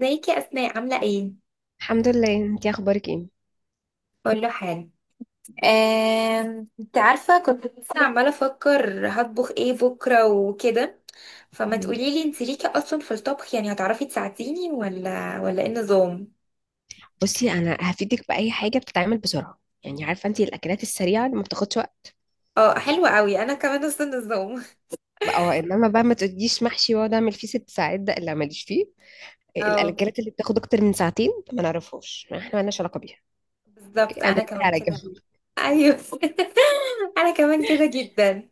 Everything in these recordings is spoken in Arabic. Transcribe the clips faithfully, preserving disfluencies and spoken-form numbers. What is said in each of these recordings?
ازيك يا اسماء، عامله ايه؟ الحمد لله، انتي اخبارك ايه؟ اقول له حاجه. آم، انت عارفة كنت لسه عماله افكر هطبخ ايه بكره وكده. فما مم. تقولي لي انت ليكي اصلا في الطبخ؟ يعني هتعرفي تساعديني ولا ولا ايه النظام؟ بصي، انا هفيدك باي حاجه بتتعمل بسرعه، يعني عارفه انتي الاكلات السريعه اللي ما بتاخدش وقت. اه، حلو قوي، انا كمان نفس النظام. بقى. اه انما بقى ما تقوليش محشي واقعد اعمل فيه ست ساعات، ده لا ماليش فيه. اه. الاكلات اللي بتاخد اكتر من ساعتين ما نعرفهاش، احنا مالناش علاقه بيها. اوكي، بالظبط انا انا دي كمان على كده. جنب. ايوه. انا كمان كده جدا.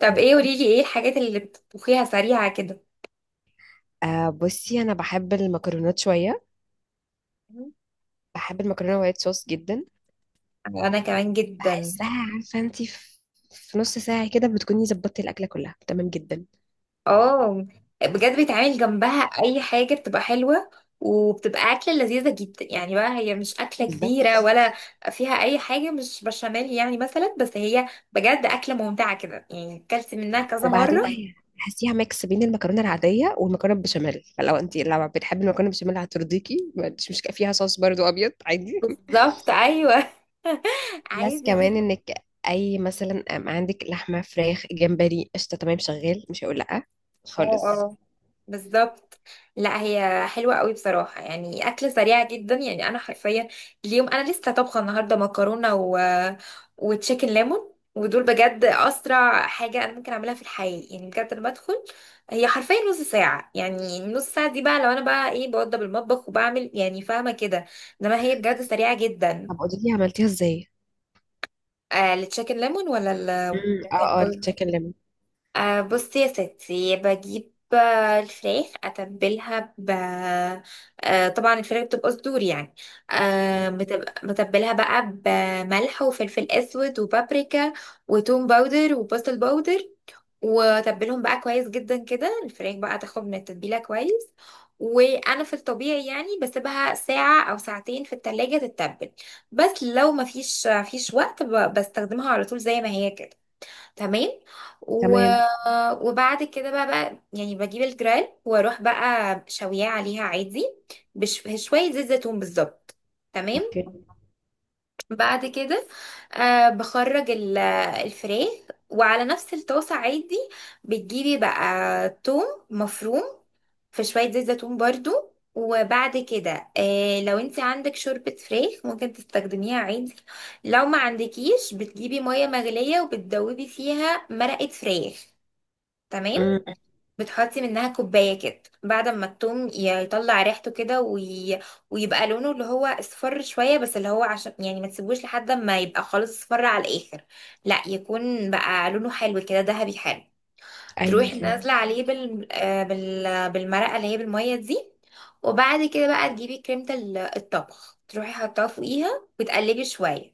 طب ايه، قولي لي ايه الحاجات اللي بتطبخيها سريعه كده؟ آه بصي، انا بحب المكرونات شويه، بحب المكرونه وايت صوص جدا. انا كمان جدا. بحسها، عارفه انتي في، في نص ساعه كده بتكوني ظبطتي الاكله كلها تمام جدا. اه بجد بيتعمل جنبها اي حاجه بتبقى حلوه، وبتبقى اكله لذيذه جدا يعني بقى، هي مش اكله كبيره بالظبط. ولا فيها اي حاجه، مش بشاميل يعني مثلا، بس هي بجد اكله ممتعه كده يعني، اكلت منها كذا وبعدين مره. هي تحسيها ميكس بين المكرونه العاديه والمكرونه بالبشاميل، فلو انت لو بتحبي المكرونه بالبشاميل هترضيكي، مش مش فيها صوص برضو ابيض عادي. بالظبط ايوه. بلس عادي كمان جدا. انك، اي مثلا أم عندك لحمه، فراخ، جمبري، قشطه، تمام، شغال، مش هقول لا خالص. اه، بالظبط. لا هي حلوة قوي بصراحة يعني، أكل سريع جدا يعني، أنا حرفيا اليوم أنا لسه طبخة النهاردة مكرونة و... وتشيكن ليمون، ودول بجد أسرع حاجة أنا ممكن أعملها في الحياة يعني، بجد. أنا بدخل، هي حرفيا نص ساعة. يعني نص ساعة دي بقى، لو أنا بقى إيه بوضب المطبخ وبعمل يعني، فاهمة كده. إنما هي بجد سريعة جدا. طب قولي لي عملتيها ازاي؟ آه، التشيكن ليمون ولا؟ ال امم اه اه، التشيكن ليمون. آه بصي يا ستي، بجيب، آه، الفراخ اتبلها ب، آه طبعا الفراخ بتبقى صدور يعني. آه متب- متبلها بقى بملح وفلفل اسود وبابريكا وتوم باودر وبصل باودر. واتبلهم بقى كويس جدا كده، الفراخ بقى تاخد من التتبيله كويس. وانا في الطبيعي يعني بسيبها ساعه او ساعتين في التلاجة تتبل، بس لو مفيش مفيش وقت ب- بستخدمها على طول زي ما هي كده. تمام. و... تمام. وبعد كده بقى، بقى يعني بجيب الجرال واروح بقى شوياه عليها عادي، بشوية زيت زيتون بالظبط. تمام. اوكي. بعد كده، آه بخرج ال- الفراخ، وعلى نفس الطاسة عادي بتجيبي بقى توم مفروم في شوية زيت زيتون برضو. وبعد كده آه لو انت عندك شوربة فراخ ممكن تستخدميها عادي، لو ما عندكيش بتجيبي مية مغلية وبتدوبي فيها مرقة فراخ. تمام. امم. بتحطي منها كوباية كده، بعد ما التوم يطلع ريحته كده وي... ويبقى لونه اللي هو اصفر شوية، بس اللي هو عشان يعني ما تسيبوش لحد ما يبقى خالص اصفر على الآخر، لا يكون بقى لونه حلو كده، ذهبي حلو. ايوه تروحي فاهم. نازله عليه بال... آه، بال... بالمرقه اللي هي بالميه دي. وبعد كده بقى تجيبي كريمه ال- الطبخ، تروحي حطها فوقيها وتقلبي شويه.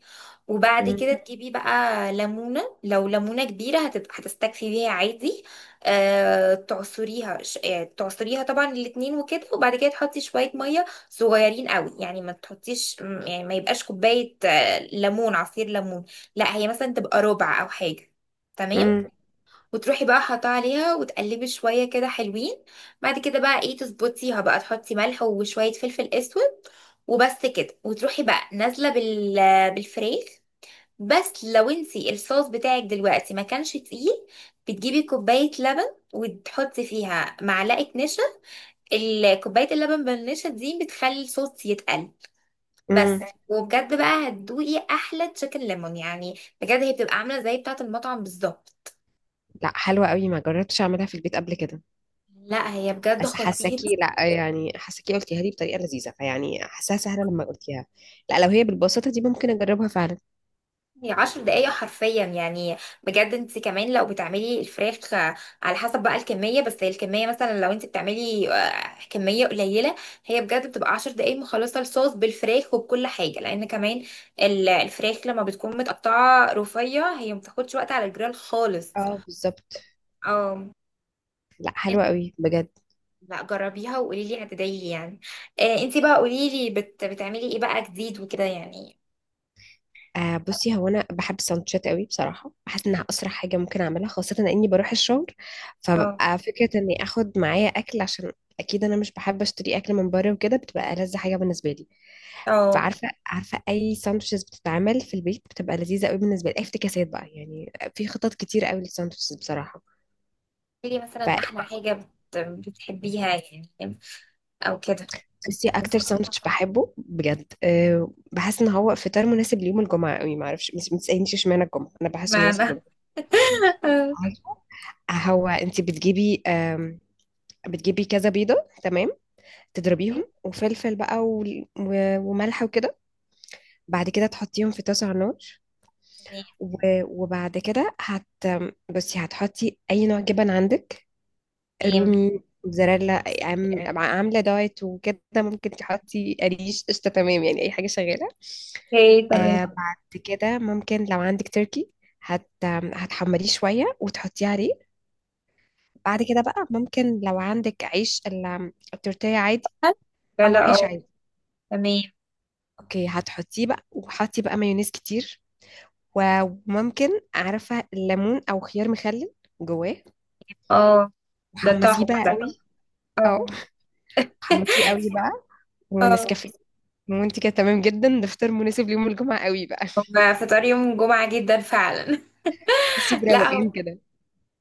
وبعد امم. كده تجيبي بقى ليمونه، لو ليمونه كبيره هتبقى هتستكفي بيها عادي. أه... تعصريها ش... يعني تعصريها طبعا الاتنين وكده. وبعد كده تحطي شويه ميه صغيرين قوي، يعني ما تحطيش م- يعني ما يبقاش كوبايه، آه، ليمون، عصير ليمون، لا هي مثلا تبقى ربع او حاجه. تمام. وتروحي بقى حاطاه عليها وتقلبي شويه كده حلوين. بعد كده بقى ايه، تظبطيها بقى، تحطي ملح وشويه فلفل اسود وبس كده. وتروحي بقى نازله بال، بالفريخ. بس لو انتي الصوص بتاعك دلوقتي ما كانش تقيل، بتجيبي كوبايه لبن وتحطي فيها معلقه نشا. ال- كوبايه اللبن بالنشا دي بتخلي الصوص يتقل. بس. امم. وبجد بقى هتدوقي احلى تشيكن ليمون يعني، بجد هي بتبقى عامله زي بتاعه المطعم بالظبط. لا حلوه قوي، ما جربتش اعملها في البيت قبل كده. لا هي بجد بس خطيرة. حاساكي، لا يعني حاساكي قلتيها لي بطريقه لذيذه، فيعني حاساها سهله لما قلتيها. لا لو هي بالبساطه دي ممكن اجربها فعلا. هي عشر دقايق حرفيا يعني، بجد. انت كمان لو بتعملي الفراخ، آه، على حسب بقى الكمية، بس هي الكمية مثلا لو انت بتعملي آه، كمية قليلة، هي بجد بتبقى عشر دقايق مخلصة الصوص بالفراخ وبكل حاجة، لان كمان ال- الفراخ لما بتكون متقطعة رفيع هي مبتاخدش وقت على الجريل خالص. اه بالظبط. اه. لا حلوه انت- قوي بجد. لا جربيها وقولي لي، هتدعي يعني. آه انت بقى قولي لي، بت... بتعملي ايه بقى جديد وكده يعني؟ آه بصي، هو انا بحب السندوتشات قوي بصراحه، بحس انها اسرع حاجه ممكن اعملها، خاصه اني بروح الشغل اه فببقى فكره اني اخد معايا اكل، عشان اكيد انا مش بحب اشتري اكل من بره، وكده بتبقى ألذ حاجه بالنسبه لي. اه. فعارفه عارفه اي ساندوتشز بتتعمل في البيت بتبقى لذيذه قوي بالنسبه لي، اي افتكاسات بقى، يعني في خطط كتير قوي للساندوتشز بصراحه. قولي لي مثلا احلى حاجة بت... بتحبيها يعني، او كده. بصي اكتر ساندوتش بحبه بجد، أه بحس ان هو فطار مناسب ليوم الجمعه قوي، ما اعرفش بس، ما تسالنيش اشمعنى الجمعه، انا بحسه مناسب معنى، للجمعه. تمام. عارفه، هو انت بتجيبي، أم، بتجيبي كذا بيضه، تمام، تضربيهم وفلفل بقى و- و- وملح وكده. بعد كده تحطيهم في طاسه على النار، و- وبعد كده هت بصي هتحطي اي نوع جبن عندك، تمام. رومي، موتزاريلا، عام- عامله دايت وكده ممكن تحطي قريش، قشطه، تمام، يعني اي حاجه شغاله. اوكي، تمام. آه بعد كده ممكن لو عندك تركي، هت هتحمريه شوية وتحطيه عليه. بعد كده بقى ممكن لو عندك عيش ال- التورتيه عادي، هل؟ لا أو لا عيش اه. عادي. تمام. اوكي، هتحطيه بقى وحطي بقى مايونيز كتير، و- وممكن، عارفة، الليمون أو خيار مخلل جواه، اه. ده وحمسيه تحفة بقى ده. قوي. اه، اه. حمسيه قوي بقى، اه. ونسكافيه، وانت كده تمام جدا. ده فطار مناسب ليوم الجمعة قوي بقى. هما فطار يوم الجمعة جدا فعلا. تحسي بروقان لا. كده.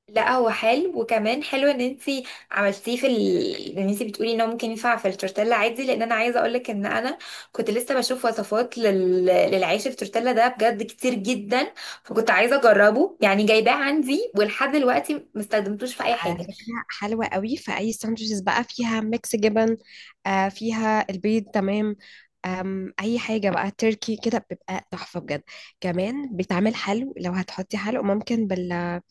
لا هو حلو، وكمان حلو ان انتي عملتيه في ال... ان انتي بتقولي ان هو ممكن ينفع في التورتيلا عادي، لان انا عايزه اقولك ان انا كنت لسه بشوف وصفات لل... للعيش في التورتيلا ده بجد كتير جدا. فكنت عايزه اجربه يعني، جايباه عندي ولحد دلوقتي ما استخدمتوش في اي على حاجه. فكرة حلوة قوي، فأي ساندوتشز بقى فيها ميكس جبن، آه فيها البيض، تمام، آم أي حاجة بقى تركي كده بتبقى تحفة بجد. كمان بتعمل حلو، لو هتحطي حلو ممكن بال آه،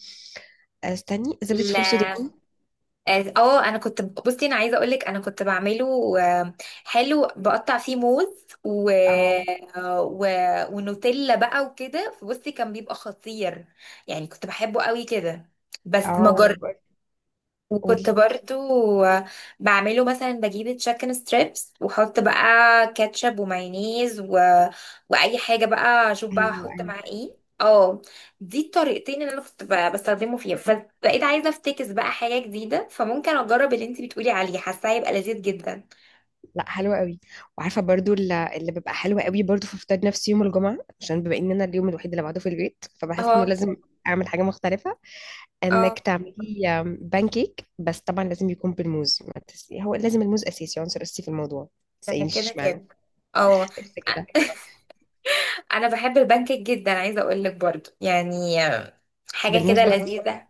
استني، زبدة فول لا سوداني. اه، آه، انا كنت، بصي انا عايزه اقولك انا كنت بعمله، آه، حلو بقطع فيه موز و... أو آه، و... ونوتيلا بقى وكده، فبصي كان بيبقى خطير يعني، كنت بحبه قوي كده. بس ما. أو وكنت قولي. برضو بعمله مثلا، بجيب تشيكن ستريبس واحط بقى كاتشب ومايونيز و... واي حاجه بقى اشوف بقى أيوه احط أيوه. معاه ايه. اه. دي الطريقتين اللي انا كنت ب- بستخدمه فيها، بس بقيت عايزه افتكس بقى حاجه جديده، فممكن اجرب اللي انت بتقولي عليه، حاساه هيبقى لذيذ جدا. لا حلوة قوي. وعارفة برضو ال- اللي بيبقى حلو قوي برضو في فطار، نفسي يوم الجمعة عشان بما إن أنا اليوم الوحيد اللي بعده في البيت، فبحس إنه اه لازم أعمل حاجة مختلفة. انك اه. تعملي بانكيك، بس طبعا لازم يكون بالموز، ما تس... هو لازم الموز اساسي، عنصر اساسي في الموضوع. أنا تسألينيش كده اشمعنى. كده. اه كده كده. أ- انا بحب البانكيك جدا، عايزه اقول لك برضو يعني حاجه بالموز كده برضو. لذيذه.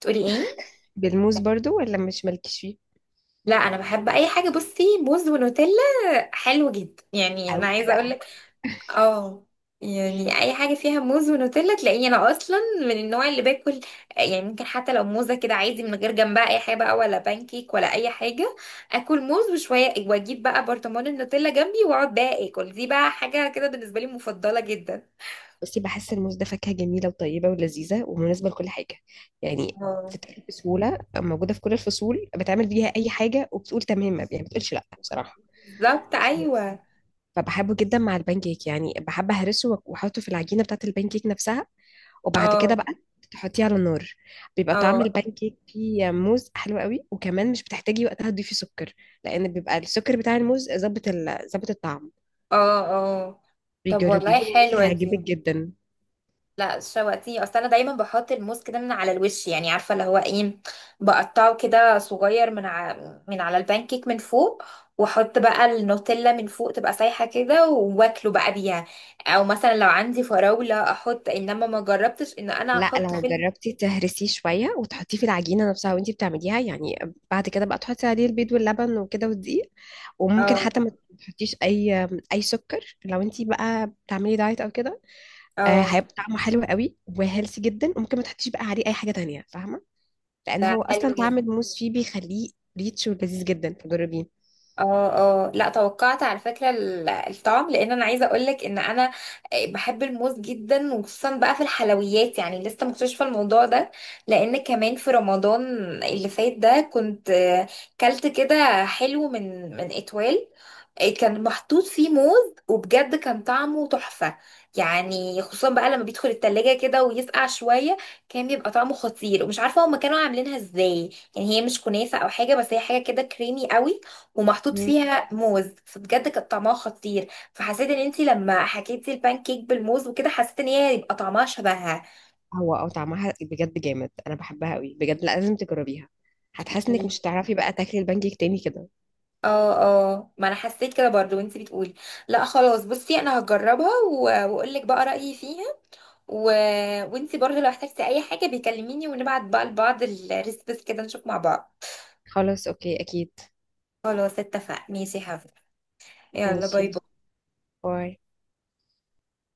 تقولي ايه؟ بالموز برضو ولا مش مالكش فيه. لا انا بحب اي حاجه، بصي موز ونوتيلا حلو جدا يعني، انا قوي عايزه اقول بقى. لك. اه. يعني اي حاجه فيها موز ونوتيلا تلاقيني انا اصلا من النوع اللي باكل يعني، ممكن حتى لو موزه كده عادي من غير جنبها اي حاجه، بقى ولا بانكيك ولا اي حاجه. اكل موز وشويه، واجيب بقى برطمان النوتيلا جنبي واقعد بقى اكل، دي بقى حاجه كده بالنسبه لي مفضله جدا. بصي بحس الموز ده فاكهة جميلة وطيبة ولذيذة ومناسبة لكل حاجة، يعني اه. بتتاكل بسهولة، موجودة في كل الفصول، بتعمل بيها أي حاجة وبتقول تمام، يعني ما بتقولش لأ بصراحة. بالظبط ايوه. فبحبه جدا مع البانكيك، يعني بحب أهرسه وأحطه في العجينة بتاعة البانكيك نفسها، وبعد كده اه. بقى تحطيه على النار. بيبقى طعم اه. البان كيك فيه موز حلو قوي، وكمان مش بتحتاجي وقتها تضيفي سكر، لان بيبقى السكر بتاع الموز ظابط ال- ظابط الطعم. اه. اه. طب بيجربيه والله بالموز حلوه دي. هيعجبك جدا. لا شواتيه، اصل انا دايما بحط الموز كده من على الوش يعني، عارفه اللي هو ايه؟ بقطعه كده صغير من ع... من على البانكيك من فوق، واحط بقى النوتيلا من فوق، تبقى سايحه كده واكله بقى بيها. او مثلا لو عندي فراوله احط، انما ما جربتش ان انا لا احط لو في ال- جربتي تهرسيه شويه وتحطيه في العجينه نفسها وانتي بتعمليها يعني، بعد كده بقى تحطي عليه البيض واللبن وكده والدقيق، وممكن اه. حتى ما تحطيش اي اي سكر لو انتي بقى بتعملي دايت او كده. آه، اه. هيبقى طعمه حلو قوي وهيلثي جدا، وممكن ما تحطيش بقى عليه اي حاجه تانية، فاهمه، لان ده هو اصلا حلو طعم جدا. الموز فيه بيخليه ريتش ولذيذ جدا، فجربيه. اه. اه. لا توقعت على فكرة ال- الطعم، لان انا عايزة اقولك ان انا بحب الموز جدا وخصوصا بقى في الحلويات يعني، لسه مكتشفة الموضوع ده، لان كمان في رمضان اللي فات ده كنت، آه، كلت كده حلو من من اتوال، آه، كان محطوط فيه موز وبجد كان طعمه تحفة يعني، خصوصا بقى لما بيدخل التلاجة كده ويسقع شوية كان بيبقى طعمه خطير. ومش عارفة هما كانوا عاملينها ازاي، يعني هي مش كنافة او حاجة، بس هي حاجة كده كريمي قوي، ومحطوط مم. فيها موز فبجد كان طعمها خطير. فحسيت ان انتي لما حكيتي البان كيك بالموز وكده، حسيت ان هي يبقى طعمها شبهها. هو او طعمها بجد جامد، انا بحبها قوي بجد، لا، لازم تجربيها، هتحس انك مش هتعرفي بقى تاكلي البانكيك تاني كده. اه اه، ما انا حسيت كده برضو وانتي بتقولي. لا خلاص، بصي انا هجربها و- واقول لك بقى رايي فيها. و... وانتي برضو لو احتجتي اي حاجه بيكلميني، ونبعت بقى لبعض الريسبس كده نشوف مع بعض. خلاص اوكي اكيد. خلاص، اتفق، ماشي يا حبيبي. يلا ماشي، باي باي. باي.